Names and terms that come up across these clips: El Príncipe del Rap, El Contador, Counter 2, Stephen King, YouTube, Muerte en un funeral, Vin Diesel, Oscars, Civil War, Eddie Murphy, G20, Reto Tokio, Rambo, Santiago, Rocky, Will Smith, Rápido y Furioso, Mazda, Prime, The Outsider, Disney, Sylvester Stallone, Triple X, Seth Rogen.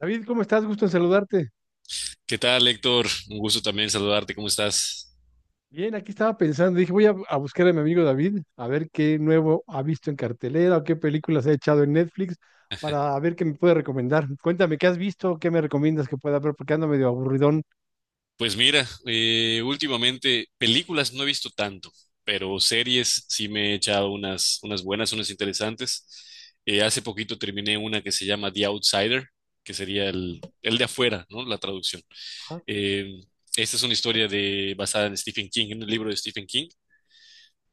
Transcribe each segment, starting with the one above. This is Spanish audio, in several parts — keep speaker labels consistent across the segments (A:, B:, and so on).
A: David, ¿cómo estás? Gusto en saludarte.
B: ¿Qué tal, Héctor? Un gusto también saludarte. ¿Cómo estás?
A: Bien, aquí estaba pensando, dije, voy a buscar a mi amigo David, a ver qué nuevo ha visto en cartelera o qué películas ha echado en Netflix para ver qué me puede recomendar. Cuéntame, ¿qué has visto? ¿Qué me recomiendas que pueda ver? Porque ando medio aburridón.
B: Pues mira, últimamente películas no he visto tanto, pero series sí me he echado unas buenas, unas interesantes. Hace poquito terminé una que se llama The Outsider, que sería el de afuera, ¿no? La traducción.
A: Ajá.
B: Eh, Esta es una historia basada en Stephen King, en un libro de Stephen King.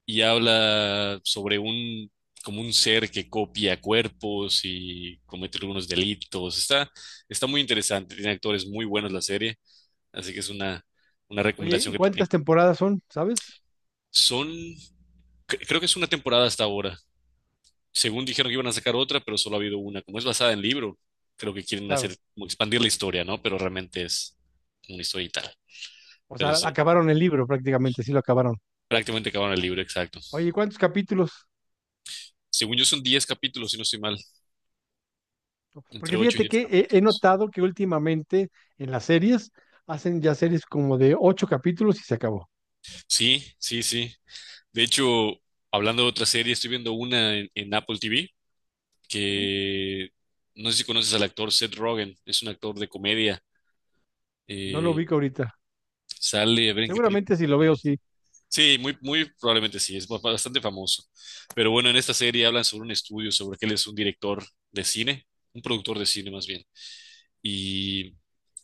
B: Y habla sobre como un ser que copia cuerpos y comete algunos delitos. Está muy interesante, tiene actores muy buenos la serie, así que es una
A: Oye,
B: recomendación
A: ¿y
B: que te
A: cuántas
B: tengo.
A: temporadas son? ¿Sabes?
B: Son, creo que es una temporada hasta ahora. Según dijeron que iban a sacar otra, pero solo ha habido una. Como es basada en libro, creo que quieren
A: Claro.
B: hacer, como expandir la historia, ¿no? Pero realmente es una historia y tal.
A: O
B: Pero
A: sea,
B: sí,
A: acabaron el libro prácticamente, sí lo acabaron.
B: prácticamente acabaron el libro, exacto.
A: Oye, ¿cuántos capítulos?
B: Según yo son 10 capítulos, si no estoy mal, entre
A: Porque
B: 8 y
A: fíjate
B: 10
A: que he
B: capítulos.
A: notado que últimamente en las series hacen ya series como de ocho capítulos y se acabó.
B: Sí, sí, sí. De hecho, hablando de otra serie, estoy viendo una en Apple TV
A: Ujú.
B: que no sé si conoces al actor Seth Rogen, es un actor de comedia.
A: No lo
B: eh,
A: ubico ahorita.
B: Sale, a ver en qué película.
A: Seguramente si lo veo, sí.
B: Sí, muy, muy probablemente sí, es bastante famoso. Pero bueno, en esta serie hablan sobre un estudio, sobre que él es un director de cine, un productor de cine más bien. Y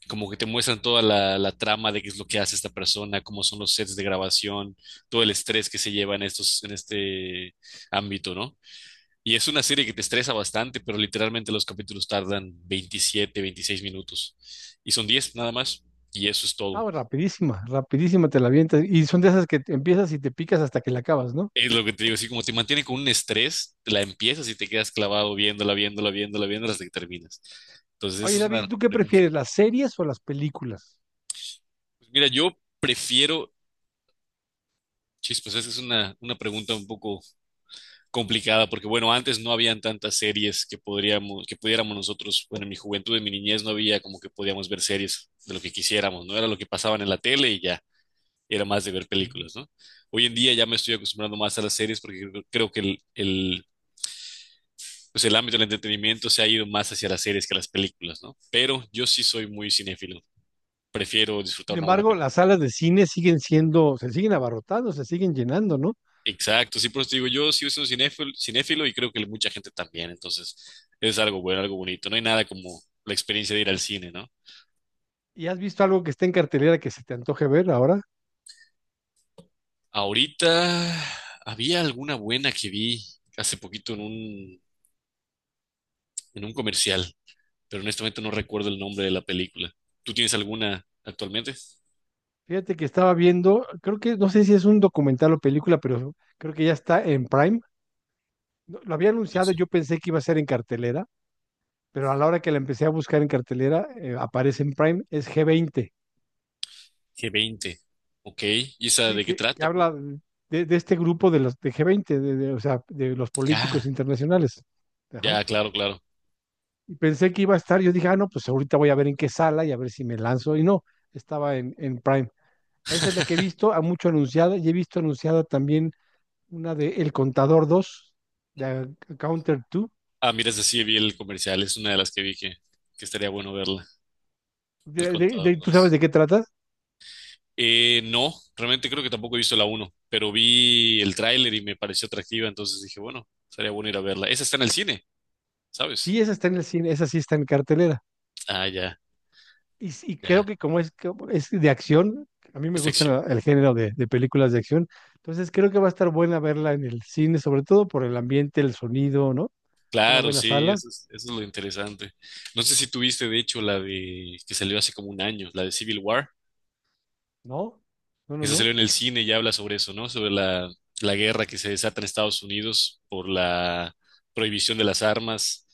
B: como que te muestran toda la trama de qué es lo que hace esta persona, cómo son los sets de grabación, todo el estrés que se lleva en estos, en este ámbito, ¿no? Y es una serie que te estresa bastante, pero literalmente los capítulos tardan 27, 26 minutos. Y son 10 nada más, y eso es
A: Ah,
B: todo.
A: rapidísima, rapidísima te la avientas. Y son de esas que te empiezas y te picas hasta que la acabas, ¿no?
B: Es lo que te digo, así como te mantiene con un estrés, la empiezas y te quedas clavado viéndola, viéndola, viéndola, viéndola hasta que terminas. Entonces, esa
A: Oye,
B: es
A: David,
B: una
A: ¿tú qué
B: pregunta.
A: prefieres, las series o las películas?
B: Pues mira, yo prefiero, chispas, esa es una pregunta un poco complicada, porque bueno, antes no habían tantas series que podríamos, que pudiéramos nosotros, bueno, en mi juventud, en mi niñez no había como que podíamos ver series de lo que quisiéramos, no era lo que pasaban en la tele y ya, era más de ver
A: Ujú.
B: películas, ¿no? Hoy en día ya me estoy acostumbrando más a las series porque creo que pues el ámbito del entretenimiento se ha ido más hacia las series que a las películas, ¿no? Pero yo sí soy muy cinéfilo, prefiero
A: Sin
B: disfrutar una buena
A: embargo,
B: película.
A: las salas de cine siguen siendo, se siguen abarrotando, se siguen llenando, ¿no?
B: Exacto, sí, por eso te digo, yo sí soy un cinéfilo, cinéfilo y creo que mucha gente también, entonces es algo bueno, algo bonito, no hay nada como la experiencia de ir al cine, ¿no?
A: ¿Y has visto algo que está en cartelera que se te antoje ver ahora?
B: Ahorita había alguna buena que vi hace poquito en un comercial, pero honestamente no recuerdo el nombre de la película. ¿Tú tienes alguna actualmente?
A: Fíjate que estaba viendo, creo que, no sé si es un documental o película, pero creo que ya está en Prime. No, lo había anunciado,
B: Hace
A: yo pensé que iba a ser en cartelera, pero a la hora que la empecé a buscar en cartelera, aparece en Prime, es g veinte.
B: G20, ok, ¿y esa
A: Sí,
B: de qué
A: que
B: trata, perdón?
A: habla de este grupo de los de G20, o sea, de los políticos
B: Ya,
A: internacionales. Ajá.
B: ya, claro, claro.
A: Y pensé que iba a estar, yo dije, ah, no, pues ahorita voy a ver en qué sala y a ver si me lanzo. Y no, estaba en Prime. Esa es la que he visto, a mucho anunciada, y he visto anunciada también una de El Contador 2 de Counter 2.
B: Ah, mira, esa sí vi el comercial, es una de las que vi que estaría bueno verla, El Contador
A: ¿Tú sabes
B: dos.
A: de qué trata?
B: No, realmente creo que tampoco he visto la uno, pero vi el tráiler y me pareció atractiva, entonces dije, bueno, sería bueno ir a verla. Esa está en el cine,
A: Sí,
B: ¿sabes?
A: esa está en el cine, esa sí está en cartelera.
B: Ah, ya,
A: Y, y
B: ya.
A: creo que como es de acción, a mí me
B: Es
A: gusta
B: acción.
A: el género de películas de acción, entonces creo que va a estar buena verla en el cine, sobre todo por el ambiente, el sonido, ¿no? Una
B: Claro,
A: buena
B: sí,
A: sala,
B: eso es lo interesante. No sé si tuviste, de hecho, la de que salió hace como un año, la de Civil War.
A: ¿no? No, no,
B: Esa salió
A: no.
B: en el cine y habla sobre eso, ¿no? Sobre la, la guerra que se desata en Estados Unidos por la prohibición de las armas,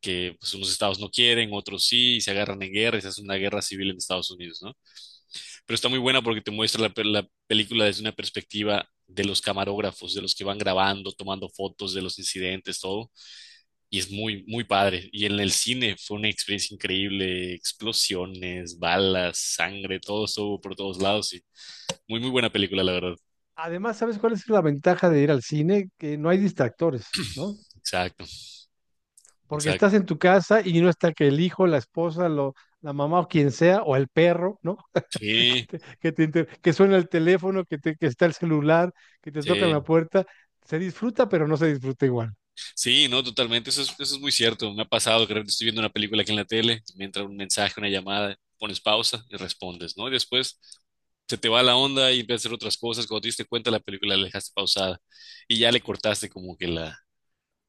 B: que pues unos estados no quieren, otros sí, y se agarran en guerra, y se hace una guerra civil en Estados Unidos, ¿no? Pero está muy buena porque te muestra la, pe- la película desde una perspectiva de los camarógrafos, de los que van grabando, tomando fotos de los incidentes, todo, y es muy, muy padre. Y en el cine fue una experiencia increíble, explosiones, balas, sangre, todo estuvo por todos lados y muy, muy buena película, la verdad.
A: Además, ¿sabes cuál es la ventaja de ir al cine? Que no hay distractores, ¿no?
B: Exacto,
A: Porque
B: exacto.
A: estás en tu casa y no está que el hijo, la esposa, la mamá o quien sea, o el perro, ¿no? Que,
B: Sí,
A: te- que, te inter- que suena el teléfono, que está el celular, que te tocan la
B: sí.
A: puerta. Se disfruta, pero no se disfruta igual.
B: Sí, no, totalmente, eso es muy cierto. Me ha pasado que de repente estoy viendo una película aquí en la tele, me entra un mensaje, una llamada, pones pausa y respondes, ¿no? Y después se te va la onda y empiezas a hacer otras cosas. Cuando te diste cuenta, la película la dejaste pausada y ya le cortaste como que la,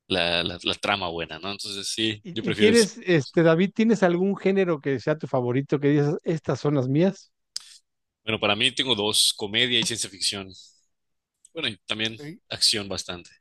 B: la, la, la trama buena, ¿no? Entonces, sí, yo
A: Y
B: prefiero el cine.
A: tienes, David, tienes algún género que sea tu favorito, que digas, estas son las mías?
B: Bueno, para mí tengo dos, comedia y ciencia ficción. Bueno, y también
A: Sí.
B: acción bastante.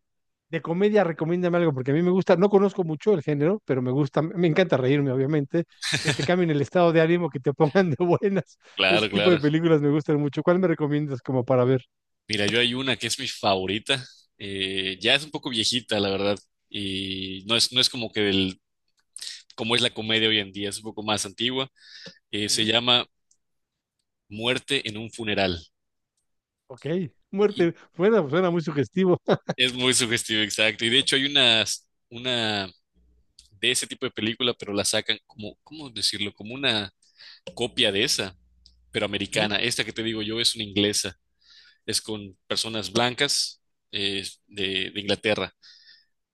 A: De comedia, recomiéndame algo, porque a mí me gusta, no conozco mucho el género, pero me gusta, me encanta reírme, obviamente, que te cambien el estado de ánimo, que te pongan de buenas.
B: Claro,
A: Ese tipo
B: claro.
A: de películas me gustan mucho. ¿Cuál me recomiendas como para ver?
B: Mira, yo hay una que es mi favorita. Eh, ya es un poco viejita, la verdad. Y no es como que del como es la comedia hoy en día, es un poco más antigua, se
A: Ujú.
B: llama Muerte en un funeral.
A: Ok,
B: Y
A: muerte, bueno, pues suena muy sugestivo.
B: es muy sugestivo, exacto. Y de hecho hay una de ese tipo de película, pero la sacan como, ¿cómo decirlo? Como una copia de esa, pero
A: Sí.
B: americana. Esta que te digo yo es una inglesa, es con personas blancas de Inglaterra.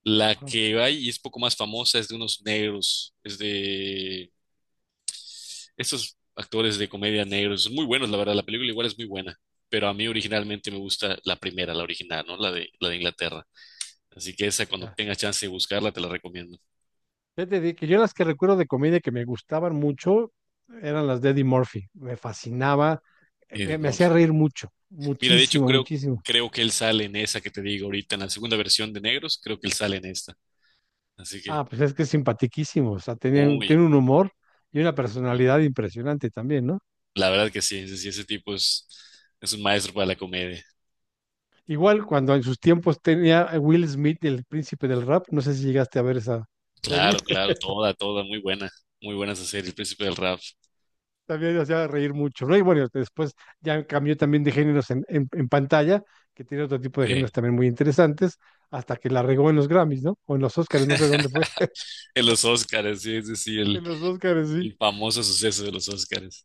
B: La
A: Ajá.
B: que hay y es poco más famosa es de unos negros, es de estos actores de comedia negros, son muy buenos, la verdad, la película igual es muy buena, pero a mí originalmente me gusta la primera, la original, ¿no? La de Inglaterra. Así que esa, cuando
A: Ya.
B: tengas chance de buscarla, te la recomiendo.
A: Ya te dije que yo las que recuerdo de comedia que me gustaban mucho eran las de Eddie Murphy. Me fascinaba, me,
B: Eddie
A: me hacía
B: Murphy.
A: reír mucho,
B: Mira, de hecho,
A: muchísimo,
B: creo,
A: muchísimo.
B: creo que él sale en esa que te digo ahorita, en la segunda versión de Negros, creo que él sale en esta. Así que,
A: Ah, pues es que es simpaticísimo, o sea, tiene,
B: muy,
A: tiene un humor y una
B: muy,
A: personalidad impresionante también, ¿no?
B: la verdad que sí, ese tipo es un maestro para la comedia.
A: Igual cuando en sus tiempos tenía a Will Smith, el príncipe del rap, no sé si llegaste a ver esa
B: Claro,
A: serie,
B: claro, toda, toda, muy buena esa serie, El Príncipe del Rap.
A: también hacía reír mucho, ¿no? Y bueno, después ya cambió también de géneros en pantalla, que tiene otro tipo de géneros
B: Sí.
A: también muy interesantes, hasta que la regó en los Grammys, ¿no? O en los Oscars, no sé dónde fue,
B: En los Oscars, sí, ese sí, el,
A: en los Oscars, sí.
B: El famoso suceso de los Oscars.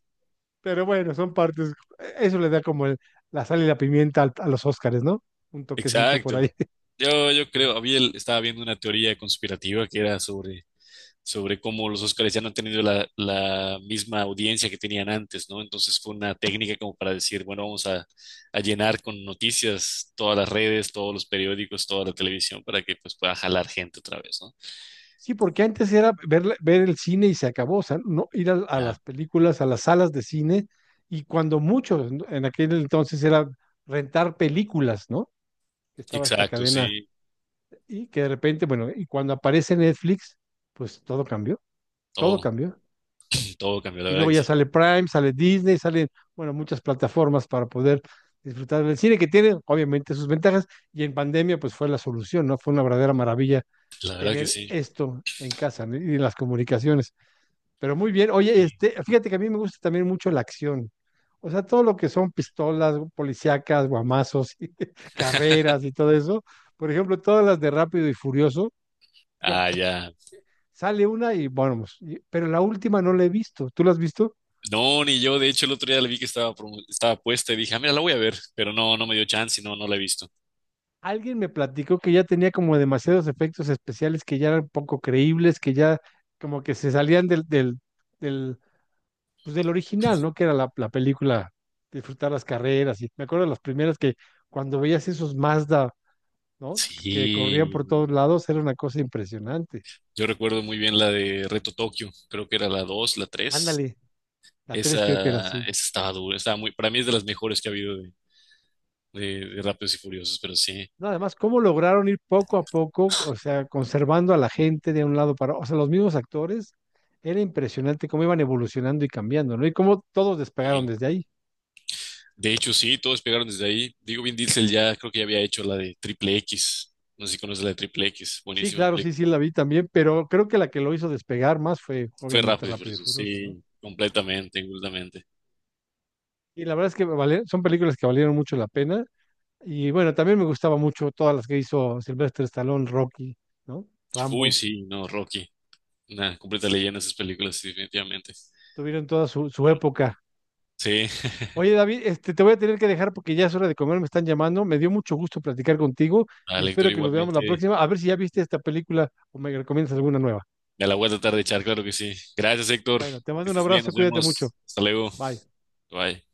A: Pero bueno, son partes. Eso le da como la sal y la pimienta a los Óscares, ¿no? Un toquecito por
B: Exacto.
A: ahí.
B: Yo creo, estaba viendo una teoría conspirativa que era sobre cómo los Oscars ya no han tenido la misma audiencia que tenían antes, ¿no? Entonces fue una técnica como para decir, bueno, vamos a llenar con noticias todas las redes, todos los periódicos, toda la televisión para que pues pueda jalar gente otra vez, ¿no?
A: Sí, porque antes era ver, ver el cine y se acabó, o sea, no ir a
B: Ya.
A: las películas, a las salas de cine, y cuando mucho, en aquel entonces era rentar películas, ¿no? Estaba esta
B: Exacto,
A: cadena,
B: sí.
A: y que de repente, bueno, y cuando aparece Netflix, pues todo cambió, todo
B: Todo,
A: cambió.
B: todo cambió, la
A: Y
B: verdad
A: luego
B: que
A: ya
B: sí.
A: sale Prime, sale Disney, salen, bueno, muchas plataformas para poder disfrutar del cine que tiene, obviamente, sus ventajas. Y en pandemia, pues fue la solución, ¿no? Fue una verdadera maravilla
B: La verdad que
A: tener
B: sí.
A: esto en casa, ¿no?, y en las comunicaciones. Pero muy bien, oye,
B: Sí.
A: fíjate que a mí me gusta también mucho la acción. O sea, todo lo que son pistolas, policíacas, guamazos, y carreras y todo eso. Por ejemplo, todas las de Rápido y Furioso, yo
B: Ah, ya.
A: sale una y bueno, pero la última no la he visto. ¿Tú la has visto?
B: No, ni yo. De hecho, el otro día la vi que estaba puesta y dije, ah, mira, la voy a ver. Pero no, no me dio chance y no, no la he visto.
A: Alguien me platicó que ya tenía como demasiados efectos especiales que ya eran poco creíbles, que ya como que se salían del, pues del original, ¿no? Que era la película, disfrutar las carreras. Y me acuerdo de las primeras que cuando veías esos Mazda, ¿no? Que corrían
B: Sí,
A: por todos
B: no.
A: lados, era una cosa impresionante.
B: Yo recuerdo muy bien la de Reto Tokio. Creo que era la 2, la 3.
A: Ándale. La 3 creo que era
B: Esa,
A: así.
B: esa estaba dura. Estaba muy, para mí es de las mejores que ha habido de Rápidos y Furiosos, pero sí,
A: No, además, ¿cómo lograron ir poco a poco, o sea, conservando a la gente de un lado para otro? ¿O sea, los mismos actores? Era impresionante cómo iban evolucionando y cambiando, ¿no? Y cómo todos despegaron
B: sí.
A: desde ahí.
B: De hecho, sí, todos pegaron desde ahí. Digo, Vin Diesel ya creo que ya había hecho la de Triple X. No sé si conoces la de Triple X.
A: Sí,
B: Buenísima
A: claro, sí,
B: película.
A: sí, la vi también, pero creo que la que lo hizo despegar más fue,
B: Fue
A: obviamente,
B: Rápidos y
A: Rápido y
B: Furiosos,
A: Furioso, ¿no?
B: sí, completamente, completamente.
A: Y la verdad es que son películas que valieron mucho la pena. Y bueno, también me gustaba mucho todas las que hizo Sylvester Stallone, Rocky, ¿no?
B: Uy,
A: Rambo.
B: sí, no, Rocky. Una completa leyenda esas películas, sí, definitivamente.
A: Tuvieron toda su
B: Bueno,
A: época.
B: sí,
A: Oye, David, te voy a tener que dejar porque ya es hora de comer, me están llamando. Me dio mucho gusto platicar contigo y
B: al Héctor
A: espero que nos veamos la
B: igualmente.
A: próxima. A ver si ya viste esta película o me recomiendas alguna nueva.
B: Ya la voy a tratar de echar, claro que sí. Gracias, Héctor.
A: Bueno, te
B: Que
A: mando un
B: estés bien,
A: abrazo,
B: nos
A: cuídate mucho.
B: vemos. Hasta luego.
A: Bye.
B: Bye.